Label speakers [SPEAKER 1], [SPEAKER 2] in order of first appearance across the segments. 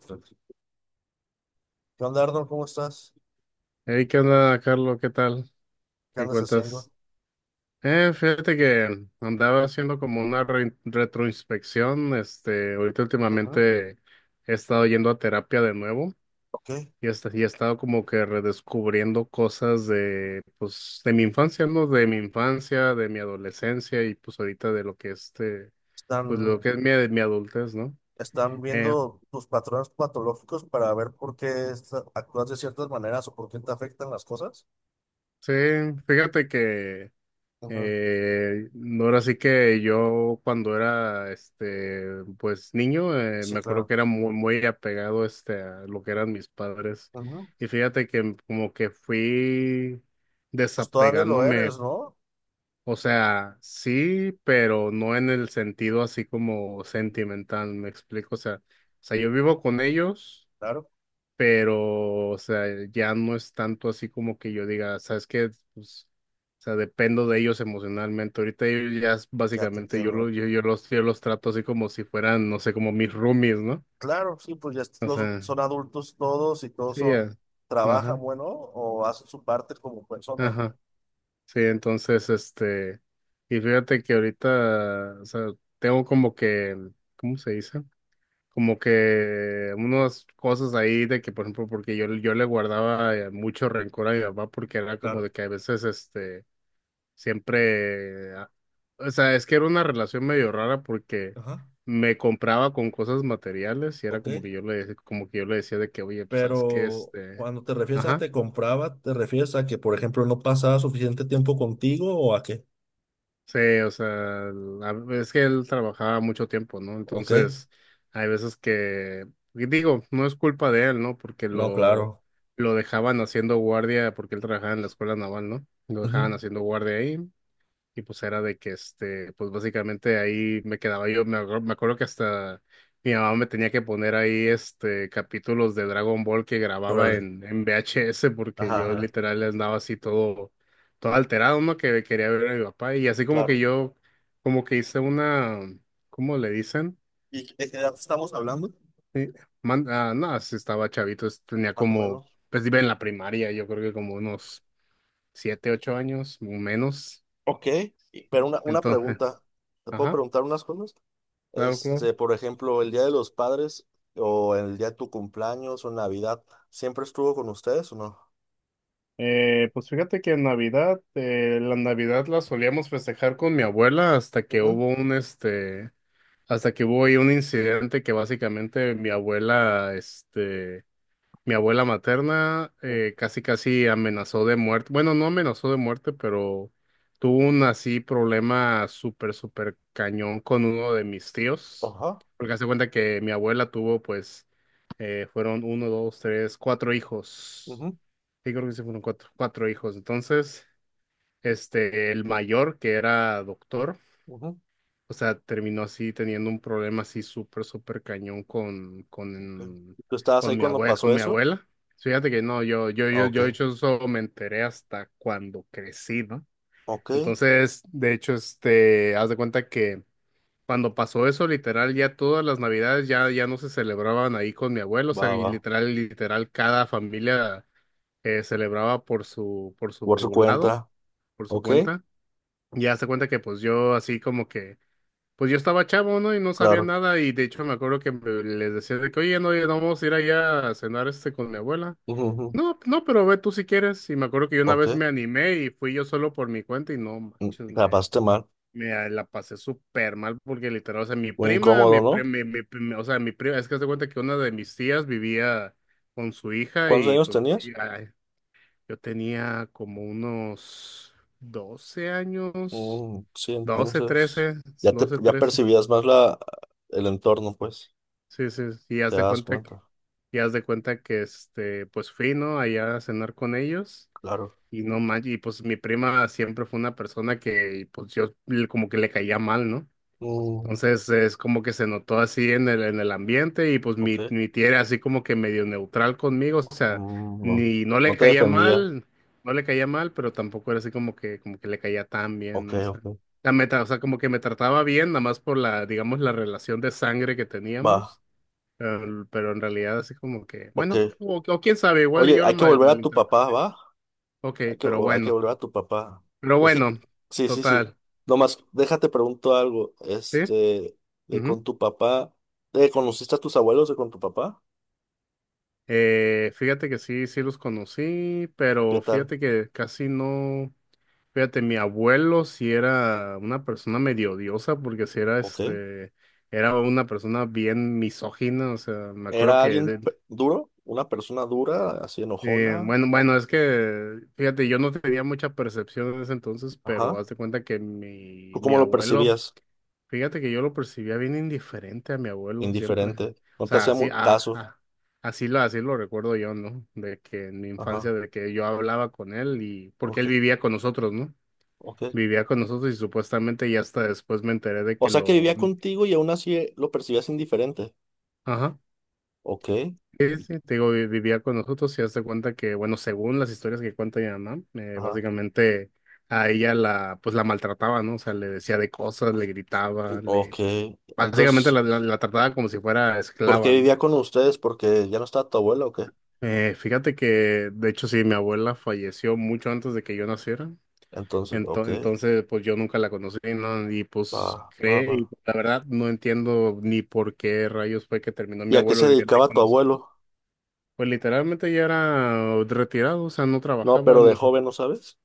[SPEAKER 1] ¿Qué onda, Arnold? ¿Cómo estás?
[SPEAKER 2] Hey, ¿qué onda, Carlos? ¿Qué tal?
[SPEAKER 1] ¿Qué
[SPEAKER 2] ¿Qué
[SPEAKER 1] andas haciendo?
[SPEAKER 2] cuentas? Fíjate que andaba haciendo como retroinspección. Ahorita
[SPEAKER 1] Ujú.
[SPEAKER 2] últimamente he estado yendo a terapia de nuevo
[SPEAKER 1] Ok.
[SPEAKER 2] y he estado como que redescubriendo cosas de, pues, de mi infancia, ¿no? De mi infancia, de mi adolescencia y pues ahorita de lo que pues lo
[SPEAKER 1] Están,
[SPEAKER 2] que es mi adultez, ¿no?
[SPEAKER 1] están
[SPEAKER 2] Eh,
[SPEAKER 1] viendo tus patrones patológicos para ver por qué actúas de ciertas maneras o por qué te afectan las cosas.
[SPEAKER 2] sí, fíjate que
[SPEAKER 1] Ujú.
[SPEAKER 2] No, ahora sí que yo cuando era pues niño,
[SPEAKER 1] Sí,
[SPEAKER 2] me acuerdo
[SPEAKER 1] claro.
[SPEAKER 2] que era muy muy apegado a lo que eran mis padres.
[SPEAKER 1] Ujú.
[SPEAKER 2] Y fíjate que como que fui
[SPEAKER 1] Pues todavía lo
[SPEAKER 2] desapegándome.
[SPEAKER 1] eres, ¿no?
[SPEAKER 2] O sea, sí, pero no en el sentido así como sentimental, me explico, o sea yo vivo con ellos,
[SPEAKER 1] Claro,
[SPEAKER 2] pero, o sea, ya no es tanto así como que yo diga, ¿sabes qué? Pues, o sea, dependo de ellos emocionalmente. Ahorita ellos ya es
[SPEAKER 1] ya te
[SPEAKER 2] básicamente yo, lo,
[SPEAKER 1] entiendo.
[SPEAKER 2] yo, yo los trato así como si fueran, no sé, como mis roomies, ¿no?
[SPEAKER 1] Claro, sí, pues
[SPEAKER 2] O sea,
[SPEAKER 1] son adultos todos y todos
[SPEAKER 2] sí,
[SPEAKER 1] son,
[SPEAKER 2] ya.
[SPEAKER 1] trabajan,
[SPEAKER 2] Ajá,
[SPEAKER 1] bueno, o hacen su parte como personas, ¿no?
[SPEAKER 2] ajá. Sí, entonces, y fíjate que ahorita, o sea, tengo como que, ¿cómo se dice? Como que unas cosas ahí de que, por ejemplo, porque yo le guardaba, mucho rencor a mi papá, porque era como
[SPEAKER 1] Claro.
[SPEAKER 2] de que a veces, siempre, ah, o sea, es que era una relación medio rara, porque
[SPEAKER 1] Ajá.
[SPEAKER 2] me compraba con cosas materiales y era
[SPEAKER 1] Ok.
[SPEAKER 2] como que como que yo le decía de que, oye, pues, ¿sabes qué?
[SPEAKER 1] Pero cuando te refieres a
[SPEAKER 2] Ajá.
[SPEAKER 1] te compraba, ¿te refieres a que, por ejemplo, no pasaba suficiente tiempo contigo o a qué?
[SPEAKER 2] Sí, o sea, es que él trabajaba mucho tiempo, ¿no?
[SPEAKER 1] ¿O qué?
[SPEAKER 2] Entonces, hay veces que, y digo, no es culpa de él, ¿no? Porque
[SPEAKER 1] No,
[SPEAKER 2] lo,
[SPEAKER 1] claro.
[SPEAKER 2] lo dejaban haciendo guardia, porque él trabajaba en la escuela naval, ¿no? Lo
[SPEAKER 1] Ujú.
[SPEAKER 2] dejaban haciendo guardia ahí. Y pues era de que, pues básicamente ahí me quedaba yo, me acuerdo que hasta mi mamá me tenía que poner ahí, capítulos de Dragon Ball que grababa
[SPEAKER 1] Órale.
[SPEAKER 2] en VHS, porque
[SPEAKER 1] Ajá,
[SPEAKER 2] yo
[SPEAKER 1] ajá,
[SPEAKER 2] literal andaba así todo, todo alterado, ¿no? Que quería ver a mi papá y así como que
[SPEAKER 1] claro.
[SPEAKER 2] como que hice una, ¿cómo le dicen?
[SPEAKER 1] ¿Y de qué edad estamos hablando?
[SPEAKER 2] Eh, no, sí estaba chavito, tenía
[SPEAKER 1] Más o
[SPEAKER 2] como,
[SPEAKER 1] menos.
[SPEAKER 2] pues iba en la primaria, yo creo que como unos 7, 8 años, o menos,
[SPEAKER 1] Ok, pero una
[SPEAKER 2] entonces,
[SPEAKER 1] pregunta. ¿Te puedo
[SPEAKER 2] ajá,
[SPEAKER 1] preguntar unas cosas?
[SPEAKER 2] claro, claro.
[SPEAKER 1] Este, por ejemplo, el día de los padres o el día de tu cumpleaños o Navidad, ¿siempre estuvo con ustedes o no?
[SPEAKER 2] Pues fíjate que en Navidad, la Navidad la solíamos festejar con mi abuela,
[SPEAKER 1] Ujú.
[SPEAKER 2] hasta que hubo ahí un incidente que básicamente mi abuela materna, casi casi amenazó de muerte. Bueno, no amenazó de muerte, pero tuvo un así problema súper, súper cañón con uno de mis tíos.
[SPEAKER 1] Ajá.
[SPEAKER 2] Porque hace cuenta que mi abuela tuvo, pues, fueron uno, dos, tres, cuatro hijos.
[SPEAKER 1] Ujú,
[SPEAKER 2] Sí, creo que se fueron cuatro hijos. Entonces, el mayor, que era doctor,
[SPEAKER 1] ujú.
[SPEAKER 2] o sea, terminó así teniendo un problema así súper, súper cañón
[SPEAKER 1] Ok. ¿Tú estabas ahí cuando
[SPEAKER 2] con
[SPEAKER 1] pasó
[SPEAKER 2] mi
[SPEAKER 1] eso?
[SPEAKER 2] abuela. Fíjate que no, yo, yo,
[SPEAKER 1] Ah,
[SPEAKER 2] yo, yo de
[SPEAKER 1] ok.
[SPEAKER 2] hecho eso me enteré hasta cuando crecí, ¿no?
[SPEAKER 1] Ok,
[SPEAKER 2] Entonces, de hecho, haz de cuenta que cuando pasó eso, literal, ya todas las navidades ya no se celebraban ahí con mi abuelo, o
[SPEAKER 1] va,
[SPEAKER 2] sea, y
[SPEAKER 1] va,
[SPEAKER 2] cada familia, celebraba por su, por
[SPEAKER 1] por su
[SPEAKER 2] su lado,
[SPEAKER 1] cuenta.
[SPEAKER 2] por su
[SPEAKER 1] Ok,
[SPEAKER 2] cuenta. Y hace cuenta que pues yo así como que, pues yo estaba chavo, ¿no? Y no sabía
[SPEAKER 1] claro.
[SPEAKER 2] nada. Y de hecho me acuerdo que les decía de que, oye, no, ya no vamos a ir allá a cenar con mi abuela.
[SPEAKER 1] Ujú, ujú.
[SPEAKER 2] No, no, pero ve tú si quieres. Y me acuerdo que yo una
[SPEAKER 1] Ok.
[SPEAKER 2] vez me animé y fui yo solo por mi cuenta y no manches,
[SPEAKER 1] Grabaste mal.
[SPEAKER 2] me la pasé súper mal porque literal, o sea, mi
[SPEAKER 1] Muy
[SPEAKER 2] prima, mi,
[SPEAKER 1] incómodo,
[SPEAKER 2] pri-
[SPEAKER 1] ¿no?
[SPEAKER 2] mi pri- o sea, mi prima, es que haz de cuenta que una de mis tías vivía con su hija,
[SPEAKER 1] ¿Cuántos
[SPEAKER 2] y
[SPEAKER 1] años
[SPEAKER 2] pues
[SPEAKER 1] tenías?
[SPEAKER 2] yo tenía como unos 12 años,
[SPEAKER 1] Mm, sí,
[SPEAKER 2] 12
[SPEAKER 1] entonces
[SPEAKER 2] trece, 12
[SPEAKER 1] ya
[SPEAKER 2] trece.
[SPEAKER 1] percibías más la el entorno, pues.
[SPEAKER 2] Sí, sí, sí, y haz
[SPEAKER 1] Te
[SPEAKER 2] de
[SPEAKER 1] das
[SPEAKER 2] cuenta que,
[SPEAKER 1] cuenta,
[SPEAKER 2] pues fui, ¿no? Allá a cenar con ellos
[SPEAKER 1] claro.
[SPEAKER 2] y no manches, y pues mi prima siempre fue una persona que pues como que le caía mal, ¿no?
[SPEAKER 1] Mm,
[SPEAKER 2] Entonces, es como que se notó así en en el ambiente, y pues
[SPEAKER 1] ok.
[SPEAKER 2] mi tía era así como que medio neutral conmigo, o sea,
[SPEAKER 1] Mm, no,
[SPEAKER 2] ni no
[SPEAKER 1] no
[SPEAKER 2] le
[SPEAKER 1] te
[SPEAKER 2] caía
[SPEAKER 1] defendía.
[SPEAKER 2] mal, no le caía mal, pero tampoco era así como que le caía tan bien,
[SPEAKER 1] Ok,
[SPEAKER 2] ¿no? O sea,
[SPEAKER 1] ok,
[SPEAKER 2] la meta, o sea, como que me trataba bien, nada más por digamos, la relación de sangre que
[SPEAKER 1] va,
[SPEAKER 2] teníamos, pero, en realidad así como que,
[SPEAKER 1] ok.
[SPEAKER 2] bueno, o quién sabe, igual y
[SPEAKER 1] Oye, hay que volver a tu papá,
[SPEAKER 2] malinterpreté.
[SPEAKER 1] ¿va?
[SPEAKER 2] Ok,
[SPEAKER 1] Hay que,
[SPEAKER 2] pero
[SPEAKER 1] o- hay que
[SPEAKER 2] bueno,
[SPEAKER 1] volver a tu papá.
[SPEAKER 2] pero
[SPEAKER 1] Y así,
[SPEAKER 2] bueno,
[SPEAKER 1] sí, sí, sí.
[SPEAKER 2] total,
[SPEAKER 1] Nomás, déjate pregunto algo.
[SPEAKER 2] ¿sí?
[SPEAKER 1] Este, de con
[SPEAKER 2] Ujú.
[SPEAKER 1] tu papá, ¿de conociste a tus abuelos de con tu papá?
[SPEAKER 2] Fíjate que sí, sí los conocí,
[SPEAKER 1] ¿Y qué
[SPEAKER 2] pero
[SPEAKER 1] tal?
[SPEAKER 2] fíjate que casi no. Fíjate, mi abuelo sí era una persona medio odiosa, porque sí era
[SPEAKER 1] Ok.
[SPEAKER 2] era una persona bien misógina. O sea, me acuerdo
[SPEAKER 1] ¿Era
[SPEAKER 2] que
[SPEAKER 1] alguien duro? ¿Una persona dura, así enojona?
[SPEAKER 2] bueno, bueno, es que fíjate, yo no tenía mucha percepción en ese entonces, pero
[SPEAKER 1] Ajá.
[SPEAKER 2] haz de cuenta que
[SPEAKER 1] ¿Tú
[SPEAKER 2] mi
[SPEAKER 1] cómo lo
[SPEAKER 2] abuelo.
[SPEAKER 1] percibías?
[SPEAKER 2] Fíjate que yo lo percibía bien indiferente a mi abuelo siempre.
[SPEAKER 1] Indiferente.
[SPEAKER 2] O
[SPEAKER 1] No te
[SPEAKER 2] sea,
[SPEAKER 1] hacía
[SPEAKER 2] así, ah,
[SPEAKER 1] caso.
[SPEAKER 2] ah, así lo recuerdo yo, ¿no? De que en mi
[SPEAKER 1] Ajá.
[SPEAKER 2] infancia, de que yo hablaba con él y porque
[SPEAKER 1] Ok,
[SPEAKER 2] él vivía con nosotros, ¿no?
[SPEAKER 1] ok.
[SPEAKER 2] Vivía con nosotros y supuestamente ya hasta después me enteré de
[SPEAKER 1] O
[SPEAKER 2] que
[SPEAKER 1] sea que vivía contigo y aún así lo percibías indiferente.
[SPEAKER 2] ajá,
[SPEAKER 1] Ok.
[SPEAKER 2] sí,
[SPEAKER 1] Y-
[SPEAKER 2] sí, te digo, vivía con nosotros. Y hazte cuenta que, bueno, según las historias que cuenta mi mamá,
[SPEAKER 1] Ajá.
[SPEAKER 2] básicamente pues la maltrataba, ¿no? O sea, le decía de cosas, le gritaba,
[SPEAKER 1] Ok.
[SPEAKER 2] básicamente
[SPEAKER 1] Entonces.
[SPEAKER 2] la trataba como si fuera
[SPEAKER 1] ¿Por qué
[SPEAKER 2] esclava, ¿no?
[SPEAKER 1] vivía con ustedes? Porque ya no estaba tu abuela o qué.
[SPEAKER 2] Fíjate que, de hecho, sí, mi abuela falleció mucho antes de que yo naciera.
[SPEAKER 1] Entonces, ok,
[SPEAKER 2] Entonces, pues yo nunca la conocí, ¿no? Y
[SPEAKER 1] va, va, va.
[SPEAKER 2] y la verdad no entiendo ni por qué rayos fue que terminó mi
[SPEAKER 1] ¿Y a qué
[SPEAKER 2] abuelo
[SPEAKER 1] se
[SPEAKER 2] viviendo ahí
[SPEAKER 1] dedicaba
[SPEAKER 2] con
[SPEAKER 1] tu
[SPEAKER 2] nosotros.
[SPEAKER 1] abuelo?
[SPEAKER 2] Pues literalmente ya era retirado, o sea, no
[SPEAKER 1] No,
[SPEAKER 2] trabajaba.
[SPEAKER 1] pero de joven, ¿no sabes?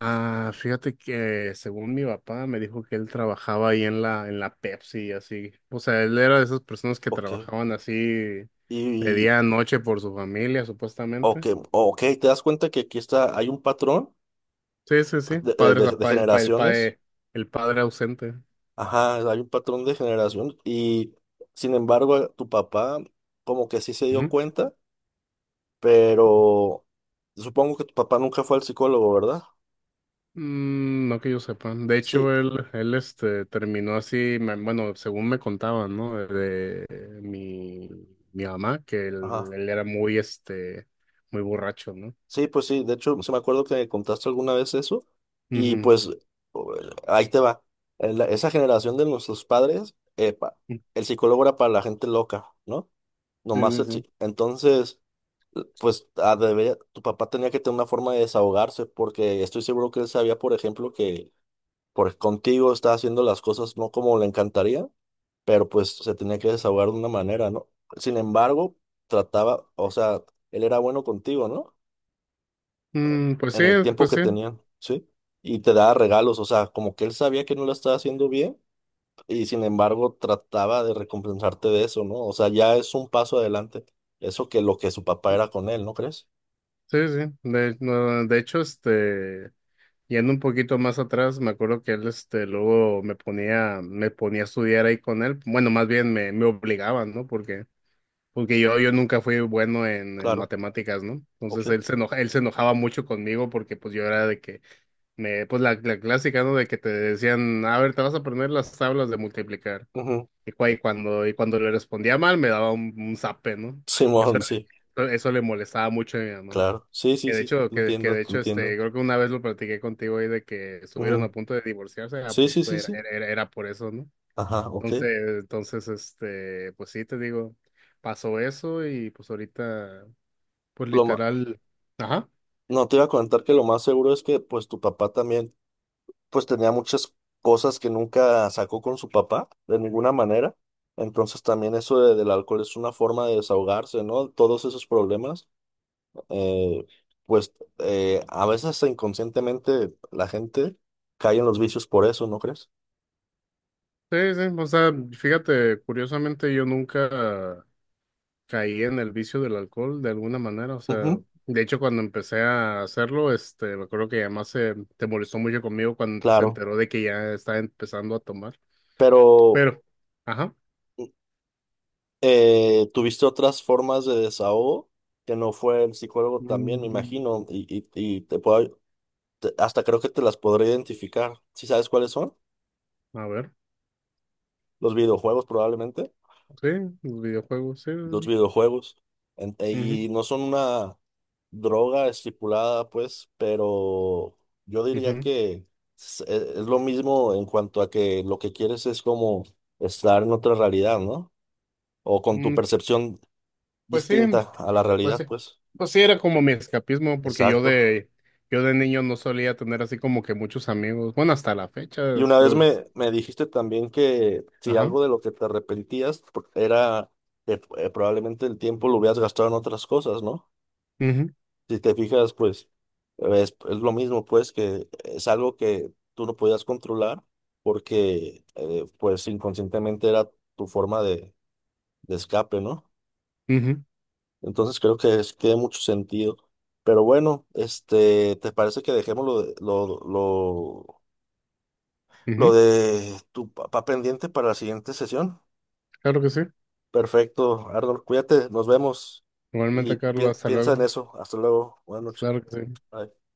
[SPEAKER 2] Fíjate que según mi papá me dijo que él trabajaba ahí en en la Pepsi, así. O sea, él era de esas personas que
[SPEAKER 1] Ok.
[SPEAKER 2] trabajaban así de
[SPEAKER 1] Y, y-
[SPEAKER 2] día a noche por su familia,
[SPEAKER 1] ok,
[SPEAKER 2] supuestamente.
[SPEAKER 1] ok, ¿te das cuenta que aquí está, hay un patrón
[SPEAKER 2] Sí, sí, sí. Padre, sa-
[SPEAKER 1] de
[SPEAKER 2] pa- el, pa- el, pa-
[SPEAKER 1] generaciones?
[SPEAKER 2] El padre ausente.
[SPEAKER 1] Ajá, hay un patrón de generación. Y, sin embargo, tu papá como que sí se dio
[SPEAKER 2] Ujú.
[SPEAKER 1] cuenta, pero supongo que tu papá nunca fue al psicólogo, ¿verdad?
[SPEAKER 2] Mm, no que yo sepa. De
[SPEAKER 1] Sí,
[SPEAKER 2] hecho, terminó así, bueno, según me contaban, ¿no? De mi mamá, que
[SPEAKER 1] ajá.
[SPEAKER 2] él era muy borracho, ¿no?
[SPEAKER 1] Sí, pues sí, de hecho, se me acuerdo que me contaste alguna vez eso y
[SPEAKER 2] Ujú.
[SPEAKER 1] pues o- ahí te va. Esa generación de nuestros padres, epa, el psicólogo era para la gente loca, ¿no?
[SPEAKER 2] Sí,
[SPEAKER 1] Nomás
[SPEAKER 2] sí, sí.
[SPEAKER 1] entonces, pues ah, tu papá tenía que tener una forma de desahogarse porque estoy seguro que él sabía, por ejemplo, que contigo estaba haciendo las cosas no como le encantaría, pero pues se tenía que desahogar de una manera, ¿no? Sin embargo, trataba, o sea, él era bueno contigo, ¿no?
[SPEAKER 2] Mm, pues
[SPEAKER 1] En
[SPEAKER 2] sí,
[SPEAKER 1] el tiempo
[SPEAKER 2] pues
[SPEAKER 1] que
[SPEAKER 2] sí.
[SPEAKER 1] tenían, ¿sí? Y te daba regalos, o sea, como que él sabía que no lo estaba haciendo bien y sin embargo trataba de recompensarte de eso, ¿no? O sea, ya es un paso adelante. Eso que lo que su papá era con él, ¿no crees?
[SPEAKER 2] Sí, sí. De, no, de hecho, este. yendo un poquito más atrás, me acuerdo que él, luego me ponía a estudiar ahí con él. Bueno, más bien me obligaban, ¿no? Porque, yo nunca fui bueno en,
[SPEAKER 1] Claro,
[SPEAKER 2] matemáticas, ¿no? Entonces
[SPEAKER 1] ok.
[SPEAKER 2] él se enojaba mucho conmigo porque pues yo era de que pues la clásica, ¿no? De que te decían, a ver, te vas a aprender las tablas de multiplicar.
[SPEAKER 1] Ujú.
[SPEAKER 2] Y cuando le respondía mal, me daba un zape, ¿no? Eso,
[SPEAKER 1] Simón, sí,
[SPEAKER 2] eso le molestaba mucho a mi mamá.
[SPEAKER 1] claro. Sí, sí,
[SPEAKER 2] Que de
[SPEAKER 1] sí,
[SPEAKER 2] hecho,
[SPEAKER 1] te
[SPEAKER 2] que, que
[SPEAKER 1] entiendo,
[SPEAKER 2] de
[SPEAKER 1] te
[SPEAKER 2] hecho, este,
[SPEAKER 1] entiendo.
[SPEAKER 2] creo que una vez lo platiqué contigo ahí de que estuvieron
[SPEAKER 1] Ujú.
[SPEAKER 2] a punto de divorciarse,
[SPEAKER 1] Sí, sí, sí, sí.
[SPEAKER 2] era por eso, ¿no?
[SPEAKER 1] Ajá, ok.
[SPEAKER 2] Entonces, pues sí, te digo, pasó eso y pues ahorita, pues
[SPEAKER 1] Lo ma-
[SPEAKER 2] literal, ajá,
[SPEAKER 1] No, te iba a comentar que lo más seguro es que pues tu papá también pues tenía muchas cosas que nunca sacó con su papá, de ninguna manera. Entonces también del alcohol es una forma de desahogarse, ¿no? Todos esos problemas, eh, pues a veces hasta inconscientemente la gente cae en los vicios por eso, ¿no crees?
[SPEAKER 2] sí, sí, o sea, fíjate, curiosamente yo nunca caí en el vicio del alcohol de alguna manera, o sea,
[SPEAKER 1] Ujú,
[SPEAKER 2] de hecho cuando empecé a hacerlo, me acuerdo que además te molestó mucho conmigo cuando se
[SPEAKER 1] claro,
[SPEAKER 2] enteró de que ya estaba empezando a tomar,
[SPEAKER 1] pero
[SPEAKER 2] pero. Ajá.
[SPEAKER 1] tuviste otras formas de desahogo que no fue el psicólogo también, me
[SPEAKER 2] Mm,
[SPEAKER 1] imagino, y te puedo, hasta creo que te las podré identificar. ¿Sí sabes cuáles son?
[SPEAKER 2] A ver,
[SPEAKER 1] Los videojuegos probablemente.
[SPEAKER 2] sí, los videojuegos, sí.
[SPEAKER 1] Los videojuegos.
[SPEAKER 2] Sí, sí.
[SPEAKER 1] Y no son una droga estipulada, pues, pero yo
[SPEAKER 2] Ujú,
[SPEAKER 1] diría
[SPEAKER 2] ujú.
[SPEAKER 1] que es lo mismo en cuanto a que lo que quieres es como estar en otra realidad, ¿no? O con tu
[SPEAKER 2] Mm,
[SPEAKER 1] percepción
[SPEAKER 2] Pues sí,
[SPEAKER 1] distinta a la
[SPEAKER 2] pues
[SPEAKER 1] realidad,
[SPEAKER 2] sí.
[SPEAKER 1] pues.
[SPEAKER 2] Pues sí, era como mi escapismo, porque
[SPEAKER 1] Exacto.
[SPEAKER 2] yo de niño no solía tener así como que muchos amigos. Bueno, hasta la fecha,
[SPEAKER 1] Y una vez me dijiste también que si
[SPEAKER 2] ajá.
[SPEAKER 1] algo de lo que te arrepentías era que probablemente el tiempo lo hubieras gastado en otras cosas, ¿no?
[SPEAKER 2] Ujú,
[SPEAKER 1] Si te fijas, pues es lo mismo, pues que es algo que tú no podías controlar porque pues inconscientemente era tu forma de escape, ¿no?
[SPEAKER 2] ujú,
[SPEAKER 1] Entonces creo que tiene mucho sentido. Pero bueno, este, ¿te parece que dejemos lo
[SPEAKER 2] ujú.
[SPEAKER 1] de tu papá pendiente para la siguiente sesión?
[SPEAKER 2] Claro que sí.
[SPEAKER 1] Perfecto, Arnold, cuídate, nos vemos y
[SPEAKER 2] Igualmente, Carlos, hasta
[SPEAKER 1] piensa
[SPEAKER 2] luego.
[SPEAKER 1] en eso. Hasta luego, buenas noches.
[SPEAKER 2] Claro que sí.
[SPEAKER 1] Bye.